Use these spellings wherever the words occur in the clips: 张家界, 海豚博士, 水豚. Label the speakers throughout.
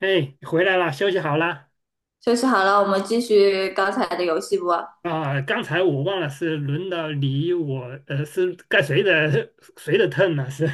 Speaker 1: 哎，回来了，休息好了。
Speaker 2: 休息好了，我们继续刚才的游戏不？
Speaker 1: 啊！刚才我忘了是轮到你我，是该谁的 turn 呢？是。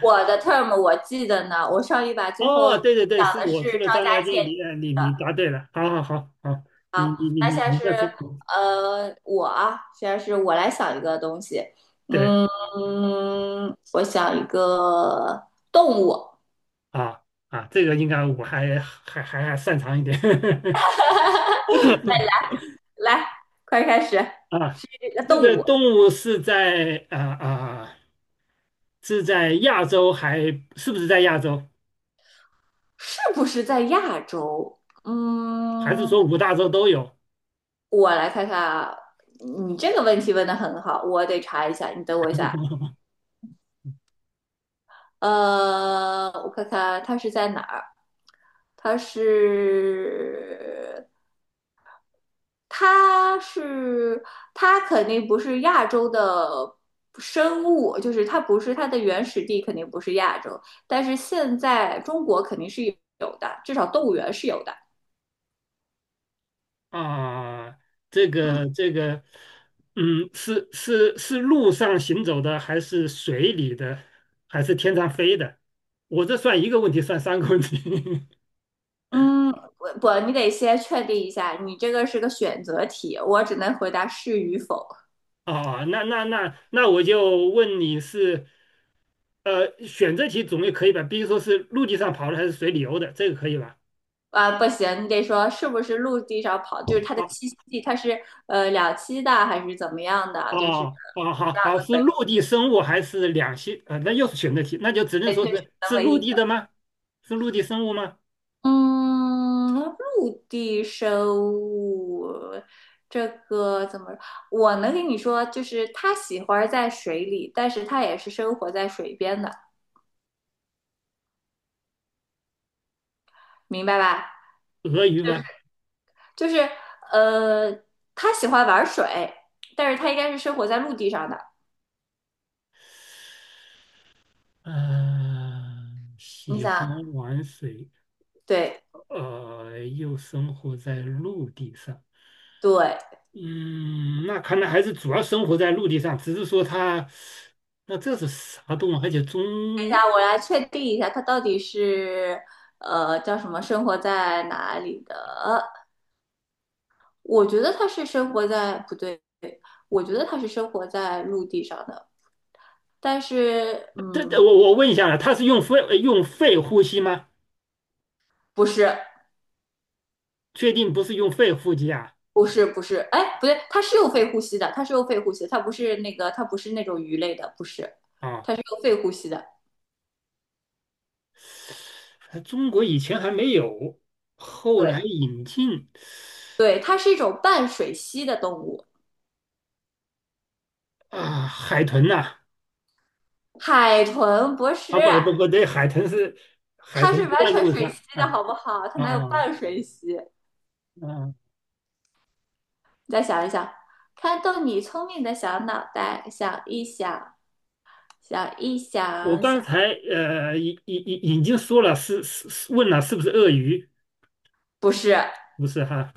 Speaker 2: 我的 term 我记得呢，我上一把 最后
Speaker 1: 哦，对对对，
Speaker 2: 讲
Speaker 1: 是
Speaker 2: 的
Speaker 1: 我
Speaker 2: 是
Speaker 1: 出了
Speaker 2: 张
Speaker 1: 张
Speaker 2: 家
Speaker 1: 家界，
Speaker 2: 界。
Speaker 1: 你答对了，好好好好。你你你
Speaker 2: 那现
Speaker 1: 你
Speaker 2: 在
Speaker 1: 你
Speaker 2: 是
Speaker 1: 再说。
Speaker 2: 我啊，现在是我来想一个东西。
Speaker 1: 对
Speaker 2: 嗯，我想一个动物。
Speaker 1: 啊啊，这个应该我还擅长一点。
Speaker 2: 那来，快开始，
Speaker 1: 啊。
Speaker 2: 是这个
Speaker 1: 这
Speaker 2: 动
Speaker 1: 个
Speaker 2: 物
Speaker 1: 动物是在是在亚洲还是不是在亚洲？
Speaker 2: 是不是在亚洲？
Speaker 1: 还是
Speaker 2: 嗯，
Speaker 1: 说五大洲都有？
Speaker 2: 我来看看啊，你这个问题问的很好，我得查一下，你等我一下啊。我看看它是在哪儿？它是，它是，它肯定不是亚洲的生物，就是它不是它的原始地肯定不是亚洲，但是现在中国肯定是有的，至少动物园是有的。
Speaker 1: 啊，这
Speaker 2: 嗯，
Speaker 1: 个这个，是路上行走的，还是水里的，还是天上飞的？我这算一个问题，算3个问题。
Speaker 2: 嗯，不，你得先确定一下，你这个是个选择题，我只能回答是与否。
Speaker 1: 啊，那我就问你是，选择题总也可以吧？比如说是陆地上跑的还是水里游的，这个可以吧？
Speaker 2: 啊，不行，你得说是不是陆地上跑，就是它的
Speaker 1: 哦
Speaker 2: 栖息地，它是两栖的还是怎么样的？就是
Speaker 1: 哦哦，
Speaker 2: 这
Speaker 1: 好
Speaker 2: 样
Speaker 1: 好，
Speaker 2: 子
Speaker 1: 是
Speaker 2: 可以，
Speaker 1: 陆地生物还是两栖？那又是选择题，那就只能
Speaker 2: 对，这
Speaker 1: 说
Speaker 2: 是
Speaker 1: 是
Speaker 2: 能
Speaker 1: 是
Speaker 2: 唯
Speaker 1: 陆
Speaker 2: 一
Speaker 1: 地的
Speaker 2: 的。
Speaker 1: 吗？是陆地生物吗？
Speaker 2: 嗯，陆地生物这个怎么？我能跟你说，就是它喜欢在水里，但是它也是生活在水边的，明白吧？
Speaker 1: 鳄鱼
Speaker 2: 就是
Speaker 1: 吗？
Speaker 2: 就是呃，它喜欢玩水，但是它应该是生活在陆地上的。
Speaker 1: 嗯、
Speaker 2: 你
Speaker 1: 喜欢
Speaker 2: 想，
Speaker 1: 玩水，
Speaker 2: 对
Speaker 1: 又生活在陆地上。
Speaker 2: 对。
Speaker 1: 嗯，那看来还是主要生活在陆地上，只是说它，那这是啥动物？而且中，
Speaker 2: 我来确定一下，它到底是叫什么？生活在哪里的？我觉得它是生活在不对，我觉得它是生活在陆地上的，但是
Speaker 1: 这
Speaker 2: 嗯，
Speaker 1: 我问一下了，它是用肺呼吸吗？
Speaker 2: 不是，
Speaker 1: 确定不是用肺呼吸啊？
Speaker 2: 不是，不是，哎，不对，它是有肺呼吸的，它是有肺呼吸的它不是那个，它不是那种鱼类的，不是，
Speaker 1: 啊，
Speaker 2: 它是有肺呼吸的。
Speaker 1: 中国以前还没有，后来
Speaker 2: 对，
Speaker 1: 引进。
Speaker 2: 对，它是一种半水栖的动物。
Speaker 1: 啊，海豚呐、
Speaker 2: 海豚博士，
Speaker 1: 啊，不不不对，海
Speaker 2: 它
Speaker 1: 豚
Speaker 2: 是
Speaker 1: 不
Speaker 2: 完
Speaker 1: 在
Speaker 2: 全
Speaker 1: 陆
Speaker 2: 水
Speaker 1: 上
Speaker 2: 栖的
Speaker 1: 啊。
Speaker 2: 好不好？它哪有
Speaker 1: 啊
Speaker 2: 半水栖？
Speaker 1: 啊！
Speaker 2: 你再想一想，看动你聪明的小脑袋，想一想，想一
Speaker 1: 我
Speaker 2: 想，
Speaker 1: 刚
Speaker 2: 想，
Speaker 1: 才呃已已已已经说了，是问了是不是鳄鱼？
Speaker 2: 不是，
Speaker 1: 不是哈？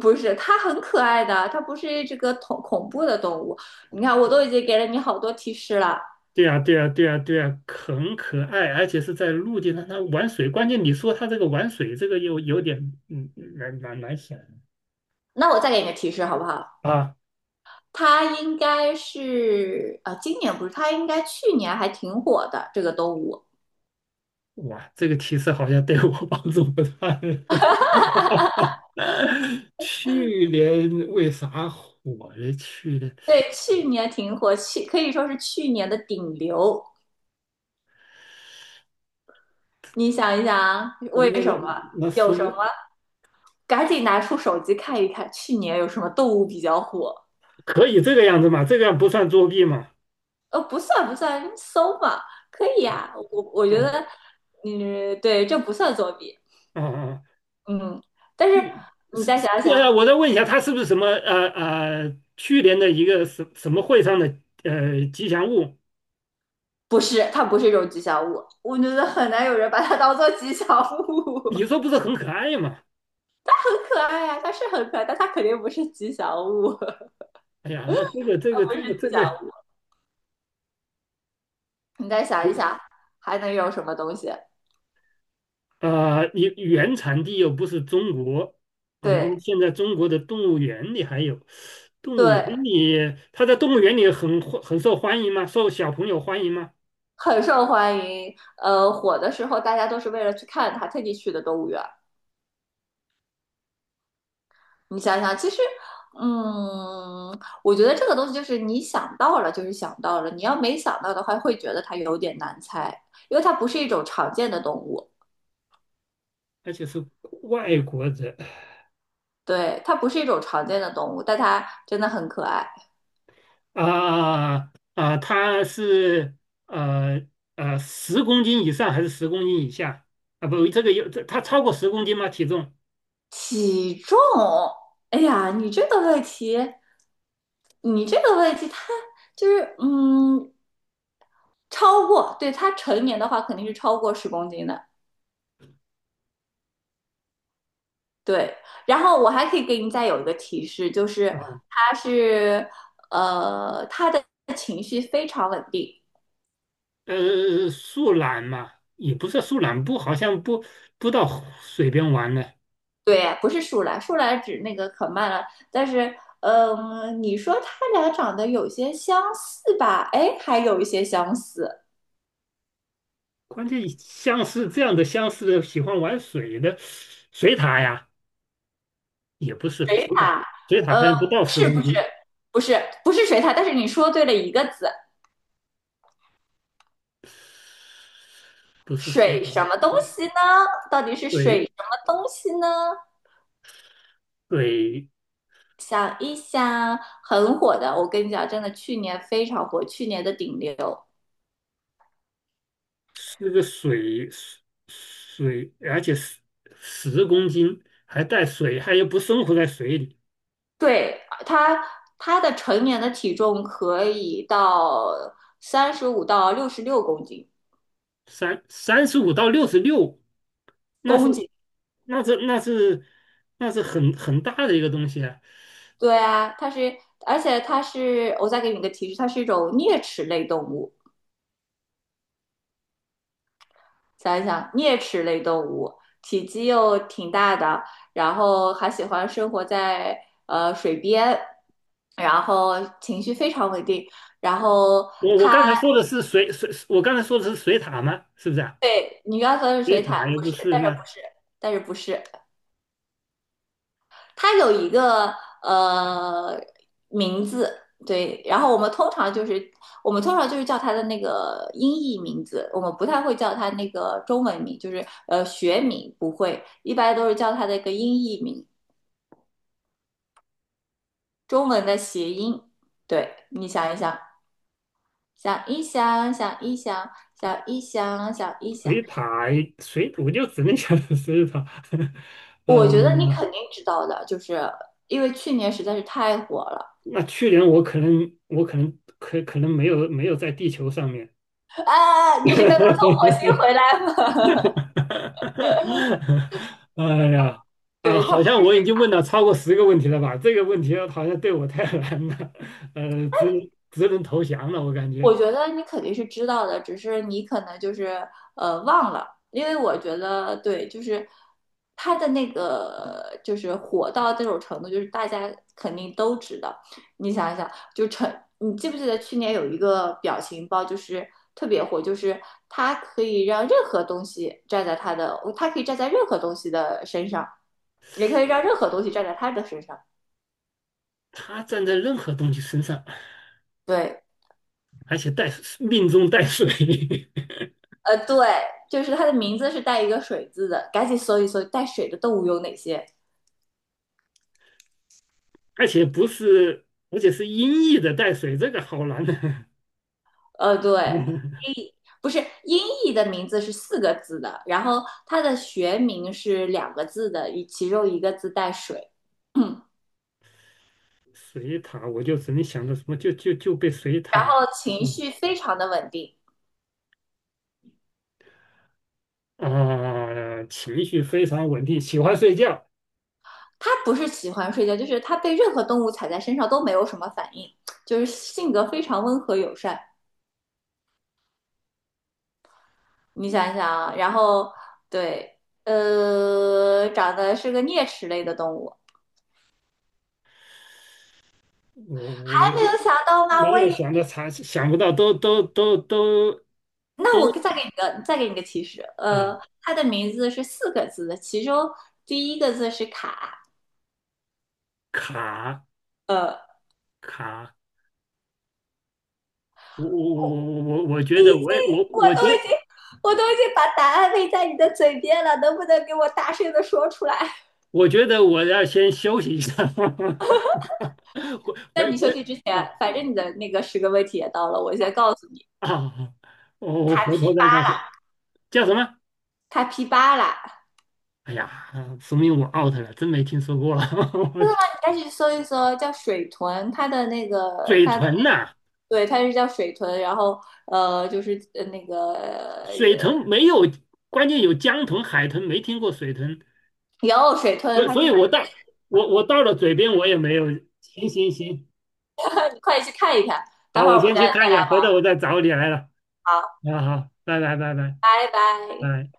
Speaker 2: 不是，它很可爱的，它不是这个恐怖的动物。你看，我都已经给了你好多提示了，
Speaker 1: 对啊，对啊，对啊，对啊，很可爱，而且是在陆地上它玩水。关键你说它这个玩水，这个又有点。嗯难想
Speaker 2: 那我再给你个提示好不好？
Speaker 1: 啊！
Speaker 2: 它应该是啊，今年不是，它应该去年还挺火的这个动物。
Speaker 1: 哇，这个提示好像对我帮助不大。去年为啥火了？去年。
Speaker 2: 对，去年挺火，去可以说是去年的顶流。你想一想，
Speaker 1: 那
Speaker 2: 为
Speaker 1: 那
Speaker 2: 什
Speaker 1: 那
Speaker 2: 么？
Speaker 1: 那
Speaker 2: 有什
Speaker 1: 说，
Speaker 2: 么？赶紧拿出手机看一看，去年有什么动物比较火？
Speaker 1: 可以这个样子嘛？这个样不算作弊嘛？
Speaker 2: 不算不算，搜嘛，可以
Speaker 1: 啊。
Speaker 2: 呀、我觉
Speaker 1: 嗯
Speaker 2: 得，嗯，对，这不算作弊，
Speaker 1: 啊，
Speaker 2: 嗯。但是你
Speaker 1: 是
Speaker 2: 再
Speaker 1: 是
Speaker 2: 想想，
Speaker 1: 我再问一下，它是不是什么去年的一个什么会上的吉祥物？
Speaker 2: 不是，它不是一种吉祥物，我觉得很难有人把它当做吉祥物。
Speaker 1: 你说不是很可爱吗？
Speaker 2: 很可爱呀、它是很可爱，但它肯定不是吉祥物，
Speaker 1: 哎呀，那这个这
Speaker 2: 它
Speaker 1: 个
Speaker 2: 不是
Speaker 1: 这个这
Speaker 2: 吉祥
Speaker 1: 个，
Speaker 2: 物。你再想一想，还能有什么东西？
Speaker 1: 你原产地又不是中国啊，然后
Speaker 2: 对
Speaker 1: 现在中国的动物园里还有。动物园
Speaker 2: 对，
Speaker 1: 里它在动物园里很受欢迎吗？受小朋友欢迎吗？
Speaker 2: 很受欢迎。火的时候大家都是为了去看它，特地去的动物园儿你想想，其实，嗯，我觉得这个东西就是你想到了就是想到了，你要没想到的话，会觉得它有点难猜，因为它不是一种常见的动物。
Speaker 1: 而且是外国人。
Speaker 2: 对，它不是一种常见的动物，但它真的很可爱。
Speaker 1: 它是呃10公斤以上还是10公斤以下？啊，不，这个有这它超过十公斤吗？体重。
Speaker 2: 体重，哎呀，你这个问题。你这个问题，它就是嗯，超过，对，它成年的话肯定是超过10公斤的，对，然后我还可以给你再有一个提示，就是
Speaker 1: 啊，
Speaker 2: 他是他的情绪非常稳定。
Speaker 1: 树懒嘛，也不是树懒，不，好像不到水边玩呢。
Speaker 2: 对，不是树懒，树懒指那个可慢了，但是嗯、你说他俩长得有些相似吧？哎，还有一些相似。
Speaker 1: 关键像是这样的，相似的喜欢玩水的水獭呀，也不是吧？
Speaker 2: 水
Speaker 1: 水獭，
Speaker 2: 獭，
Speaker 1: 水獭好
Speaker 2: 呃，
Speaker 1: 像不到十
Speaker 2: 是
Speaker 1: 公
Speaker 2: 不是
Speaker 1: 斤，
Speaker 2: 不是水獭，但是你说对了一个字，
Speaker 1: 不是水
Speaker 2: 水
Speaker 1: 獭，
Speaker 2: 什么东西呢？到底是水
Speaker 1: 水
Speaker 2: 什么东西呢？
Speaker 1: 水。
Speaker 2: 想一想，很火的，我跟你讲，真的，去年非常火，去年的顶流，
Speaker 1: 那个水，而且十公斤还带水，它又不生活在水里。
Speaker 2: 对，他的成年的体重可以到35到66公斤，
Speaker 1: 三35到66。那是
Speaker 2: 公斤。
Speaker 1: 那是那是很大的一个东西啊！
Speaker 2: 对啊，它是，而且它是，我再给你个提示，它是一种啮齿类动物。想一想，啮齿类动物，体积又挺大的，然后还喜欢生活在水边，然后情绪非常稳定，然后。
Speaker 1: 我刚才说的是水，我刚才说的是水塔吗？是不是啊？
Speaker 2: 对，你刚说是
Speaker 1: 水
Speaker 2: 水獭，
Speaker 1: 塔也
Speaker 2: 不
Speaker 1: 不
Speaker 2: 是，
Speaker 1: 是，
Speaker 2: 但是
Speaker 1: 那
Speaker 2: 不是，但是不是，它有一个呃名字，对，然后我们通常就是叫它的那个音译名字，我们不太会叫它那个中文名，就是学名不会，一般都是叫它的一个音译名，中文的谐音。对，你想一想，想一想，想一想，想一想，想一想，
Speaker 1: 水塔水我就只能想到水塔。
Speaker 2: 我觉得你
Speaker 1: 嗯。
Speaker 2: 肯定知道的，就是因为去年实在是太火了。
Speaker 1: 那去年我可能没有在地球上面。
Speaker 2: 啊，啊你是刚刚从火星 回来
Speaker 1: 哈
Speaker 2: 吗？
Speaker 1: 哈哈！哈哈！哎呀，啊，
Speaker 2: 对他，
Speaker 1: 好像我已经问了超过10个问题了吧？这个问题好像对我太难了，只能投降了，我感觉。
Speaker 2: 我觉得你肯定是知道的，只是你可能就是忘了，因为我觉得对，就是他的那个就是火到这种程度，就是大家肯定都知道。你想一想，就成，你记不记得去年有一个表情包，就是特别火，就是他可以让任何东西站在他的，他可以站在任何东西的身上，也可以让任何东西站在他的身上。
Speaker 1: 他站在任何东西身上，
Speaker 2: 对，
Speaker 1: 而且命中带水。
Speaker 2: 对，就是它的名字是带一个水字的，赶紧搜一搜带水的动物有哪些。
Speaker 1: 而且不是，而且是音译的带水，这个好难的。
Speaker 2: 对，音不是音译的名字是四个字的，然后它的学名是两个字的，其中一个字带水。
Speaker 1: 水塔，我就只能想到什么，就被水
Speaker 2: 然
Speaker 1: 塔。
Speaker 2: 后情
Speaker 1: 嗯
Speaker 2: 绪非常的稳定，
Speaker 1: 情绪非常稳定，喜欢睡觉。
Speaker 2: 它不是喜欢睡觉，就是它被任何动物踩在身上都没有什么反应，就是性格非常温和友善。你想一想啊，然后对，长得是个啮齿类的动物，
Speaker 1: 我我
Speaker 2: 没有
Speaker 1: 我
Speaker 2: 想到吧？
Speaker 1: 没
Speaker 2: 我
Speaker 1: 有
Speaker 2: 也，
Speaker 1: 想到查，想不到都
Speaker 2: 那我再给你个，再给你个提示，
Speaker 1: 啊
Speaker 2: 他的名字是四个字的，其中第一个字是卡，
Speaker 1: 卡
Speaker 2: 呃，
Speaker 1: 卡，我我我
Speaker 2: 已
Speaker 1: 觉得
Speaker 2: 经，
Speaker 1: 我也我
Speaker 2: 我
Speaker 1: 我
Speaker 2: 都
Speaker 1: 觉
Speaker 2: 已
Speaker 1: 得，
Speaker 2: 经，我都已经把答案喂在你的嘴边了，能不能给我大声的说出来？
Speaker 1: 我要先休息一下。回
Speaker 2: 在
Speaker 1: 回
Speaker 2: 你休
Speaker 1: 回
Speaker 2: 息之前，
Speaker 1: 啊
Speaker 2: 反正你的那个10个问题也到了，我先告诉你，
Speaker 1: 啊！啊！我回头再告诉你叫什么？
Speaker 2: 他 P 巴拉，
Speaker 1: 哎呀，说明我 out 了，真没听说过。我天。
Speaker 2: 但是搜一搜叫水豚，它的那个
Speaker 1: 水
Speaker 2: 它的
Speaker 1: 豚呐、
Speaker 2: 对，它是叫水豚，然后呃，就是呃那个呃，
Speaker 1: 水豚没有，关键有江豚、海豚，没听过水豚。
Speaker 2: 有水豚，
Speaker 1: 所以
Speaker 2: 它
Speaker 1: 所
Speaker 2: 是
Speaker 1: 以我到了嘴边我也没有。行行行，
Speaker 2: 快去看一看。待
Speaker 1: 好，
Speaker 2: 会儿
Speaker 1: 我
Speaker 2: 我们
Speaker 1: 先
Speaker 2: 再
Speaker 1: 去看
Speaker 2: 再
Speaker 1: 一下，回
Speaker 2: 来
Speaker 1: 头我再找你来了。
Speaker 2: 玩啊，
Speaker 1: 啊，好，拜拜拜拜
Speaker 2: 拜拜。
Speaker 1: 拜。